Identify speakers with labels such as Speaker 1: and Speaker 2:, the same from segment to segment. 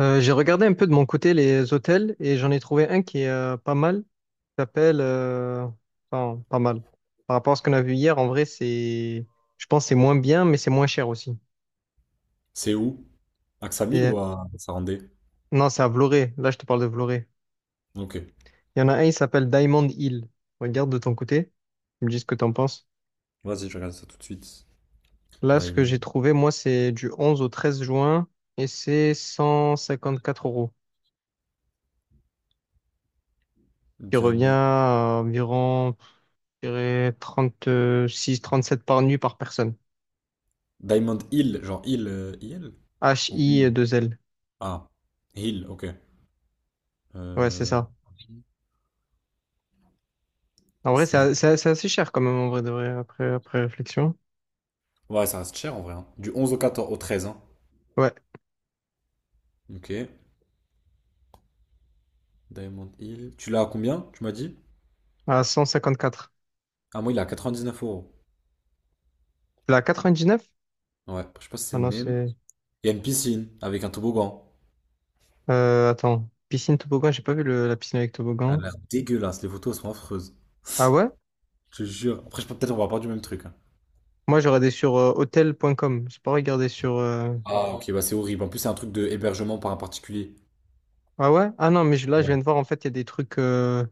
Speaker 1: J'ai regardé un peu de mon côté les hôtels, et j'en ai trouvé un qui est pas mal, qui s'appelle enfin, pas mal. Par rapport à ce qu'on a vu hier, en vrai, c'est. Je pense que c'est moins bien, mais c'est moins cher aussi.
Speaker 2: C'est où? À Ksamil ou
Speaker 1: Et.
Speaker 2: à Sarandé?
Speaker 1: Non, c'est à Vloré. Là, je te parle de Vloré.
Speaker 2: Ok.
Speaker 1: Il y en a un, il s'appelle Diamond Hill. Regarde de ton côté. Tu me dis ce que t'en penses.
Speaker 2: Vas-y, je regarde ça tout de suite.
Speaker 1: Là, ce que
Speaker 2: Diamond.
Speaker 1: j'ai trouvé, moi, c'est du 11 au 13 juin, et c'est 154 euros. Qui revient
Speaker 2: Diamond.
Speaker 1: à environ, je dirais, 36-37 par nuit par personne.
Speaker 2: Diamond Hill, genre Hill, IL? Ou Hill?
Speaker 1: H-I-2-L.
Speaker 2: Ah, Hill, ok.
Speaker 1: Ouais, c'est
Speaker 2: Euh,
Speaker 1: ça. En vrai,
Speaker 2: c'est...
Speaker 1: c'est assez cher quand même, en vrai, de vrai, après réflexion.
Speaker 2: Ouais, ça reste cher en vrai, hein. Du 11 au 14, au 13, hein.
Speaker 1: Ouais,
Speaker 2: Ok. Diamond Hill. Tu l'as à combien, tu m'as dit?
Speaker 1: à 154.
Speaker 2: Ah, moi, il est à 99 euros.
Speaker 1: La 89?
Speaker 2: Ouais, je sais pas si c'est
Speaker 1: Ah
Speaker 2: le
Speaker 1: non,
Speaker 2: même.
Speaker 1: c'est.
Speaker 2: Il y a une piscine avec un toboggan.
Speaker 1: Attends, piscine toboggan, j'ai pas vu la piscine avec
Speaker 2: Elle a
Speaker 1: toboggan.
Speaker 2: l'air dégueulasse, les photos elles sont affreuses.
Speaker 1: Ah ouais?
Speaker 2: Je te jure. Après, peut-être on va pas du même truc, hein.
Speaker 1: Moi, j'ai regardé sur hotel.com. J'ai pas regardé sur.
Speaker 2: Ah, ok, bah c'est horrible. En plus, c'est un truc de hébergement par un particulier.
Speaker 1: Ah ouais? Ah non, mais là, je viens de voir, en fait, il y a des trucs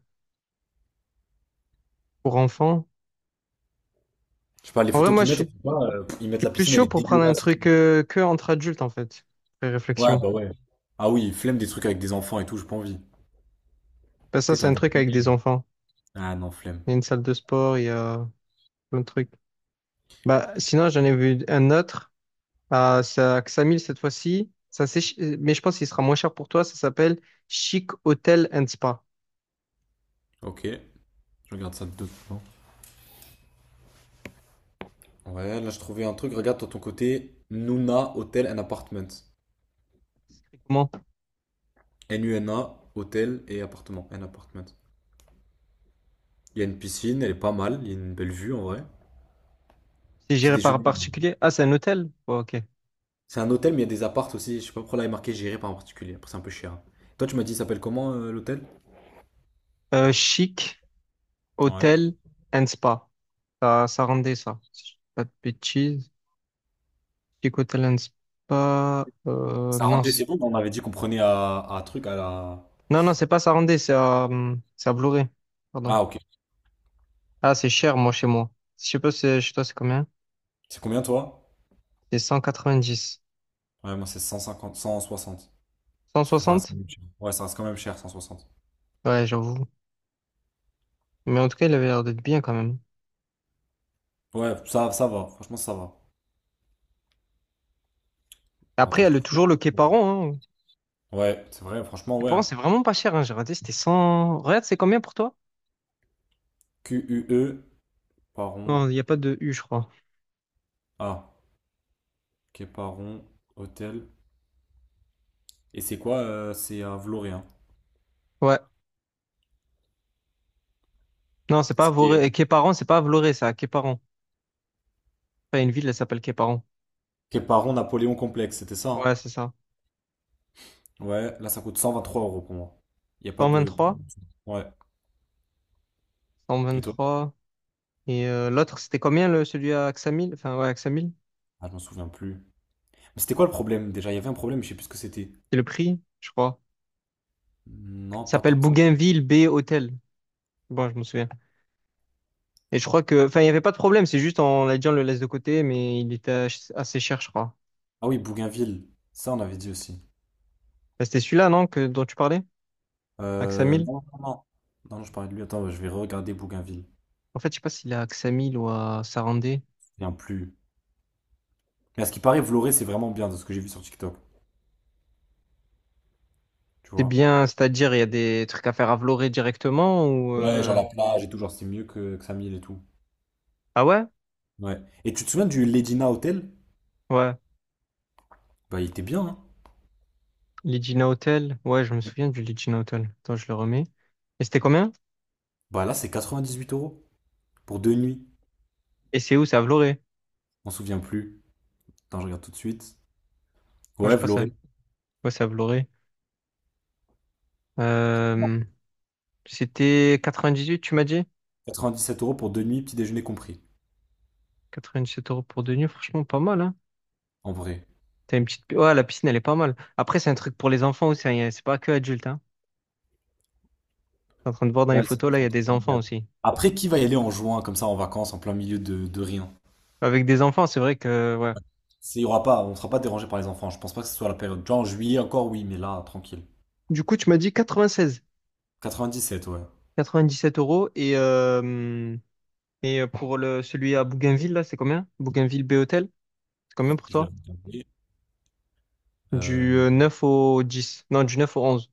Speaker 1: pour enfants.
Speaker 2: Je sais pas, les
Speaker 1: En vrai,
Speaker 2: photos
Speaker 1: moi,
Speaker 2: qu'ils
Speaker 1: je
Speaker 2: mettent,
Speaker 1: suis,
Speaker 2: on sait pas, ils
Speaker 1: je
Speaker 2: mettent
Speaker 1: suis
Speaker 2: la
Speaker 1: plus
Speaker 2: piscine, elle
Speaker 1: chaud
Speaker 2: est
Speaker 1: pour prendre un
Speaker 2: dégueulasse et
Speaker 1: truc
Speaker 2: tout.
Speaker 1: que entre adultes, en fait, après
Speaker 2: Ouais,
Speaker 1: réflexion.
Speaker 2: bah ouais. Ah oui, flemme des trucs avec des enfants et tout, j'ai pas envie.
Speaker 1: Parce que ça,
Speaker 2: T'es
Speaker 1: c'est un
Speaker 2: envie.
Speaker 1: truc avec des enfants.
Speaker 2: Ah non, flemme.
Speaker 1: Il y a une salle de sport, il y a plein de trucs. Bah, sinon, j'en ai vu un autre c'est à Xamil cette fois-ci. Ça, mais je pense qu'il sera moins cher pour toi. Ça s'appelle Chic Hotel and Spa.
Speaker 2: Ok, je regarde ça de deux plans. Ouais, là je trouvais un truc, regarde de ton côté. Nuna Hotel and Apartment.
Speaker 1: Comment?
Speaker 2: NUNA, hôtel et appartement. And apartment. Il y a une piscine, elle est pas mal, il y a une belle vue en vrai.
Speaker 1: C'est
Speaker 2: Petit
Speaker 1: géré par un
Speaker 2: déjeuner.
Speaker 1: particulier? Ah, c'est un hôtel? Bon, ok.
Speaker 2: C'est un hôtel, mais il y a des appartes aussi. Je sais pas pourquoi là il est marqué géré par un particulier. Après, c'est un peu cher. Toi, tu m'as dit, il s'appelle comment, l'hôtel?
Speaker 1: Chic
Speaker 2: Ouais.
Speaker 1: Hotel and Spa. Ça rendait ça. Si je dis pas de bêtises. Chic Hotel and Spa.
Speaker 2: Ça
Speaker 1: Non,
Speaker 2: rentrait, c'est bon, mais on avait dit qu'on prenait à truc à la.
Speaker 1: non, non, c'est pas ça rendait. C'est à Vloré. Pardon.
Speaker 2: Ah, ok.
Speaker 1: Ah, c'est cher, moi, chez moi. Je sais pas, chez toi, c'est combien?
Speaker 2: C'est combien toi?
Speaker 1: C'est 190.
Speaker 2: Ouais, moi c'est cent 160. Parce que ça reste quand
Speaker 1: 160?
Speaker 2: même cher. Ouais, ça reste quand même cher, 160.
Speaker 1: Ouais, j'avoue. Mais en tout cas, il avait l'air d'être bien quand même.
Speaker 2: Ouais, ça va. Franchement, ça va. Bon,
Speaker 1: Après,
Speaker 2: attends,
Speaker 1: elle
Speaker 2: je
Speaker 1: a
Speaker 2: trouve
Speaker 1: toujours le Képaron, hein.
Speaker 2: pas. Ouais, c'est vrai, franchement, ouais,
Speaker 1: Képaron,
Speaker 2: hein.
Speaker 1: c'est vraiment pas cher, hein. J'ai regardé, c'était 100. Regarde, c'est combien pour toi?
Speaker 2: QUE Paron,
Speaker 1: Non, il n'y a pas de U, je crois.
Speaker 2: A. Képaron, hôtel. Et c'est quoi? C'est à Vloré, hein.
Speaker 1: Ouais. Non, c'est pas
Speaker 2: C'était.
Speaker 1: Voré. Képaron, c'est pas Vloré, ça. Képaron. Enfin, une ville, elle s'appelle Képaron.
Speaker 2: Képaron, Napoléon Complexe, c'était ça, hein.
Speaker 1: Ouais, c'est ça.
Speaker 2: Ouais, là ça coûte 123 euros pour moi. Il n'y a pas de.
Speaker 1: 123.
Speaker 2: Ouais. Et toi?
Speaker 1: 123. Et l'autre, c'était combien, celui à Axamil? Enfin, ouais, Axamil.
Speaker 2: Ah, je m'en souviens plus. Mais c'était quoi le problème déjà? Il y avait un problème, je sais plus ce que c'était.
Speaker 1: C'est le prix, je crois. Il
Speaker 2: Non, pas
Speaker 1: s'appelle
Speaker 2: tant que ça.
Speaker 1: Bougainville B Hôtel. Bon, je me souviens. Et je crois que, enfin, il n'y avait pas de problème, c'est juste on le laisse de côté, mais il était assez cher, je crois.
Speaker 2: Ah oui, Bougainville. Ça, on avait dit aussi.
Speaker 1: Bah, c'était celui-là, non, dont tu parlais? À Ksamil?
Speaker 2: Non, non, non. Non, non, je parlais de lui. Attends, je vais regarder Bougainville. Je me
Speaker 1: En fait, je sais pas s'il est à Ksamil ou à Sarandé.
Speaker 2: souviens plus. Mais à ce qui paraît, Vloré, c'est vraiment bien de ce que j'ai vu sur TikTok. Tu
Speaker 1: C'est
Speaker 2: vois?
Speaker 1: bien, c'est-à-dire, il y a des trucs à faire à Vlorë directement ou.
Speaker 2: Ouais, genre la plage et tout, genre c'est mieux que Samil et tout.
Speaker 1: Ah ouais?
Speaker 2: Ouais. Et tu te souviens du Ledina Hotel?
Speaker 1: Ouais.
Speaker 2: Bah, il était bien, hein?
Speaker 1: Legina Hotel. Ouais, je me
Speaker 2: Ouais.
Speaker 1: souviens du Legina Hotel. Attends, je le remets. Et c'était combien?
Speaker 2: Bah là, c'est 98 euros pour deux nuits.
Speaker 1: Et c'est où? C'est à Vloré.
Speaker 2: On se souvient plus. Attends, je regarde tout de suite.
Speaker 1: Ouais, je
Speaker 2: Ouais,
Speaker 1: crois ça.
Speaker 2: Vloré.
Speaker 1: Ouais, c'est à Vloré. Euh, C'était 98, tu m'as dit?
Speaker 2: 7 euros pour deux nuits, petit déjeuner compris.
Speaker 1: 97 € pour 2 nuits, franchement, pas mal, hein?
Speaker 2: En vrai.
Speaker 1: T'as une petite. Ouais, la piscine, elle est pas mal. Après, c'est un truc pour les enfants aussi, hein. C'est pas que adulte, hein. T'es en train de voir dans les
Speaker 2: Ouais, c'est
Speaker 1: photos,
Speaker 2: vrai,
Speaker 1: là, il
Speaker 2: c'est
Speaker 1: y
Speaker 2: un
Speaker 1: a
Speaker 2: truc
Speaker 1: des enfants
Speaker 2: familial.
Speaker 1: aussi.
Speaker 2: Après, qui va y aller en juin, comme ça, en vacances, en plein milieu de rien?
Speaker 1: Avec des enfants, c'est vrai que. Ouais.
Speaker 2: Il y aura pas, on sera pas dérangé par les enfants. Je pense pas que ce soit la période. Genre en juillet encore, oui, mais là, tranquille.
Speaker 1: Du coup, tu m'as dit 96,
Speaker 2: 97, ouais.
Speaker 1: 97 euros. Pour celui à Bougainville, là, c'est combien? Bougainville B-Hôtel, c'est combien pour
Speaker 2: Je vais
Speaker 1: toi?
Speaker 2: regarder. Euh,
Speaker 1: Du 9 au 10. Non, du 9 au 11.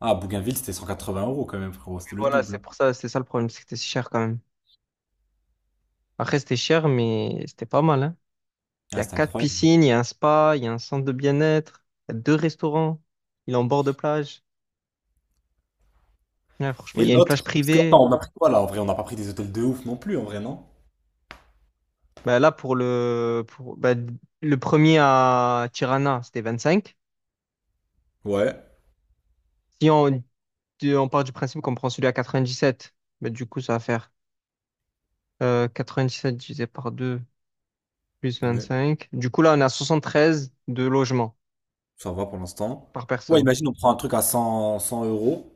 Speaker 2: Ah, Bougainville, c'était 180 euros quand même, frérot.
Speaker 1: Oui,
Speaker 2: C'était le
Speaker 1: voilà,
Speaker 2: double,
Speaker 1: c'est
Speaker 2: hein.
Speaker 1: pour ça, c'est ça le problème, c'est que c'était si cher quand même. Après, c'était cher, mais c'était pas mal, hein. Il y
Speaker 2: Ah,
Speaker 1: a
Speaker 2: c'était
Speaker 1: quatre
Speaker 2: incroyable.
Speaker 1: piscines, il y a un spa, il y a un centre de bien-être, il y a deux restaurants, il est en bord de plage. Ouais, franchement,
Speaker 2: Et
Speaker 1: il y a une plage
Speaker 2: l'autre, parce que,
Speaker 1: privée.
Speaker 2: attends, on a pris quoi là? En vrai, on n'a pas pris des hôtels de ouf non plus, en vrai, non?
Speaker 1: Bah, là, pour le premier à Tirana, c'était 25.
Speaker 2: Ouais,
Speaker 1: Si on, du- On part du principe qu'on prend celui à 97. Bah, du coup, ça va faire euh, 7 divisé par 2 plus
Speaker 2: ouais,
Speaker 1: 25. Du coup, là, on a 13 de logements
Speaker 2: ça va pour l'instant.
Speaker 1: par
Speaker 2: Ouais,
Speaker 1: personne.
Speaker 2: imagine, on prend un truc à 100 100 euros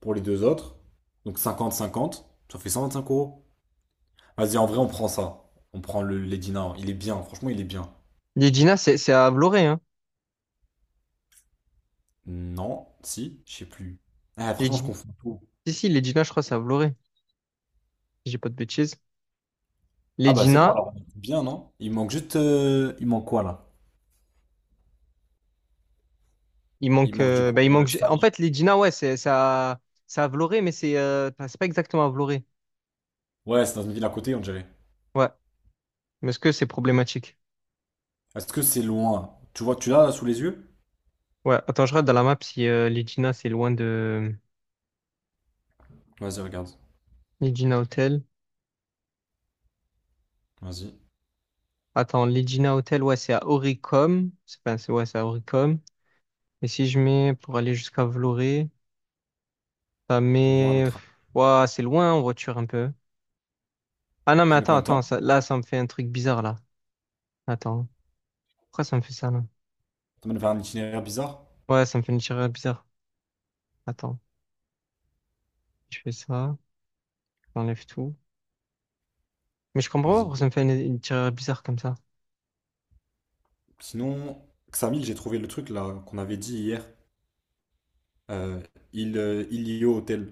Speaker 2: pour les deux autres. Donc cinquante cinquante, ça fait 125 euros. Vas-y, en vrai, on prend ça. On prend le Lady Now. Il est bien, franchement, il est bien.
Speaker 1: L'Edina, c'est à Vloré. Hein.
Speaker 2: Non, si, je sais plus. Ah, franchement, je
Speaker 1: L'Edina-
Speaker 2: confonds tout.
Speaker 1: Si, si, l'Edina, je crois, c'est à Vloré, si j'ai pas de bêtises.
Speaker 2: Ah bah c'est bon
Speaker 1: L'Edina,
Speaker 2: alors, on est bien, non? Il manque quoi là?
Speaker 1: il
Speaker 2: Il
Speaker 1: manque,
Speaker 2: manque, du
Speaker 1: euh,
Speaker 2: coup,
Speaker 1: bah, il manque. En
Speaker 2: Samir.
Speaker 1: fait, l'Edina, ouais, c'est à Vloré, mais c'est enfin, c'est pas exactement à Vloré.
Speaker 2: Ouais, c'est dans une ville à côté, on dirait.
Speaker 1: Ouais. Mais est-ce que c'est problématique?
Speaker 2: Est-ce que c'est loin? Tu vois, tu l'as là, sous les yeux?
Speaker 1: Ouais, attends, je regarde dans la map si Legina, c'est loin de
Speaker 2: Vas-y, regarde.
Speaker 1: Legina Hotel.
Speaker 2: Vas-y,
Speaker 1: Attends, Legina Hotel, ouais, c'est à Oricom. C'est pas, c'est, Ouais, c'est à Oricom. Et si je mets pour aller jusqu'à Vloré, ça
Speaker 2: pour voir le
Speaker 1: met.
Speaker 2: train.
Speaker 1: Ouais, c'est loin en voiture un peu. Ah non, mais
Speaker 2: Ça met
Speaker 1: attends,
Speaker 2: combien de
Speaker 1: attends,
Speaker 2: temps?
Speaker 1: là, ça me fait un truc bizarre, là. Attends. Pourquoi ça me fait ça, là?
Speaker 2: Ça mène vers un itinéraire bizarre?
Speaker 1: Ouais, ça me fait une tireur bizarre. Attends, je fais ça, j'enlève tout. Mais je comprends pas pourquoi ça
Speaker 2: Vas-y.
Speaker 1: me fait une tireur bizarre comme ça.
Speaker 2: Sinon, Xamil, j'ai trouvé le truc là qu'on avait dit hier. Euh, Ilio Hotel.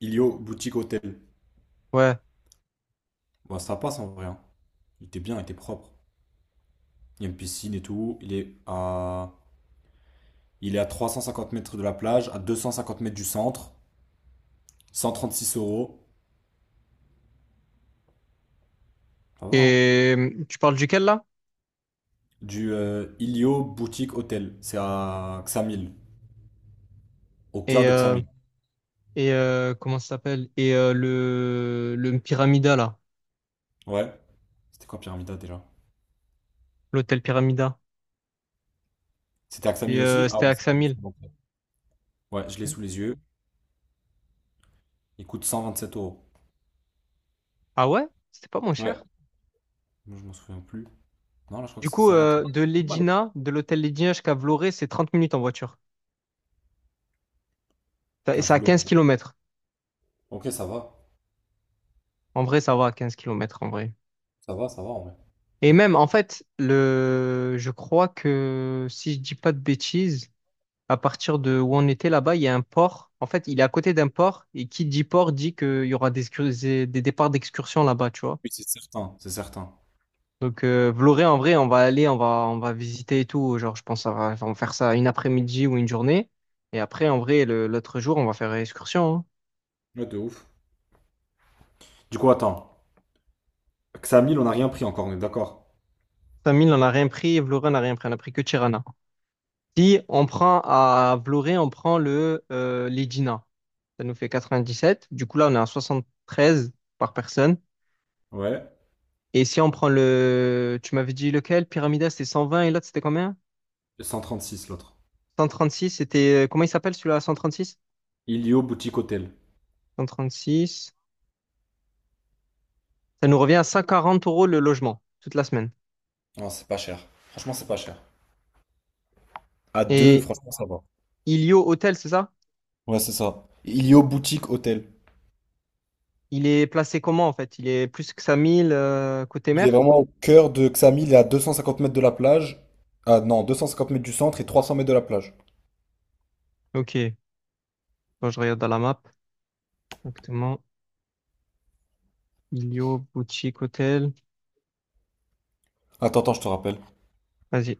Speaker 2: Ilio Boutique Hotel.
Speaker 1: Ouais.
Speaker 2: Bah, ça passe en vrai, hein. Il était bien, il était propre. Il y a une piscine et tout. Il est à 350 mètres de la plage, à 250 mètres du centre. 136 euros. Ça va, hein.
Speaker 1: Et tu parles duquel, là?
Speaker 2: Du Ilio Boutique Hotel. C'est à Xamil. Au cœur
Speaker 1: Et
Speaker 2: de
Speaker 1: euh,
Speaker 2: Xamil.
Speaker 1: Comment ça s'appelle? Et le Pyramida, là.
Speaker 2: Ouais. C'était quoi Pyramida déjà?
Speaker 1: L'hôtel Pyramida.
Speaker 2: C'était à
Speaker 1: Et
Speaker 2: Xamil aussi? Ah
Speaker 1: c'était
Speaker 2: ouais,
Speaker 1: à
Speaker 2: c'est
Speaker 1: Axamil.
Speaker 2: c'est bon. Ouais, ouais, je l'ai sous les yeux. Il coûte 127 euros.
Speaker 1: Ah ouais? C'était pas moins
Speaker 2: Ouais.
Speaker 1: cher.
Speaker 2: Moi, je m'en souviens plus. Non, là, je crois
Speaker 1: Du
Speaker 2: que c'est
Speaker 1: coup,
Speaker 2: 127.
Speaker 1: De l'hôtel Legina jusqu'à Vloré, c'est 30 minutes en voiture.
Speaker 2: Je
Speaker 1: Et c'est
Speaker 2: cave
Speaker 1: à
Speaker 2: l'eau.
Speaker 1: 15 km.
Speaker 2: Ok, ça va.
Speaker 1: En vrai, ça va à 15 km, en vrai.
Speaker 2: Ça va, ça va en vrai.
Speaker 1: Et même, en fait, je crois que, si je dis pas de bêtises, à partir de où on était là-bas, il y a un port. En fait, il est à côté d'un port. Et qui dit port dit qu'il y aura des, excurs- des départs d'excursion là-bas, tu vois.
Speaker 2: Oui, c'est certain, c'est certain.
Speaker 1: Donc Vloré, en vrai, on va aller, on va visiter et tout. Genre, je pense qu'on va faire ça une après-midi ou une journée. Et après, en vrai, l'autre jour, on va faire excursion. Hein.
Speaker 2: Ouais, de ouf. Du coup, attends. Xamil, on n'a rien pris encore, on est d'accord.
Speaker 1: Samil, on n'a rien pris, Vloré, on n'a rien pris, on n'a pris que Tirana. Si on prend à Vloré, on prend le l'Edina. Ça nous fait 97. Du coup, là, on est à 73 par personne.
Speaker 2: Ouais.
Speaker 1: Et si on prend tu m'avais dit lequel? Pyramida, c'était 120, et l'autre, c'était combien?
Speaker 2: 136 l'autre.
Speaker 1: 136, comment il s'appelle celui-là, 136?
Speaker 2: Ilio Boutique Hotel.
Speaker 1: 136. Ça nous revient à 140 € le logement, toute la semaine.
Speaker 2: Non, c'est pas cher. Franchement, c'est pas cher. À deux,
Speaker 1: Et
Speaker 2: franchement, ça va.
Speaker 1: Ilio Hôtel, c'est ça?
Speaker 2: Ouais, c'est ça. Ilio Boutique Hôtel.
Speaker 1: Il est placé comment en fait? Il est plus que 5000 côté
Speaker 2: Il est
Speaker 1: mer?
Speaker 2: vraiment au cœur de Xamil, il est à 250 mètres de la plage. Ah non, 250 mètres du centre et 300 mètres de la plage.
Speaker 1: Ok, bon, je regarde dans la map. Exactement. Ilio Boutique Hôtel.
Speaker 2: Attends, attends, je te rappelle.
Speaker 1: Vas-y.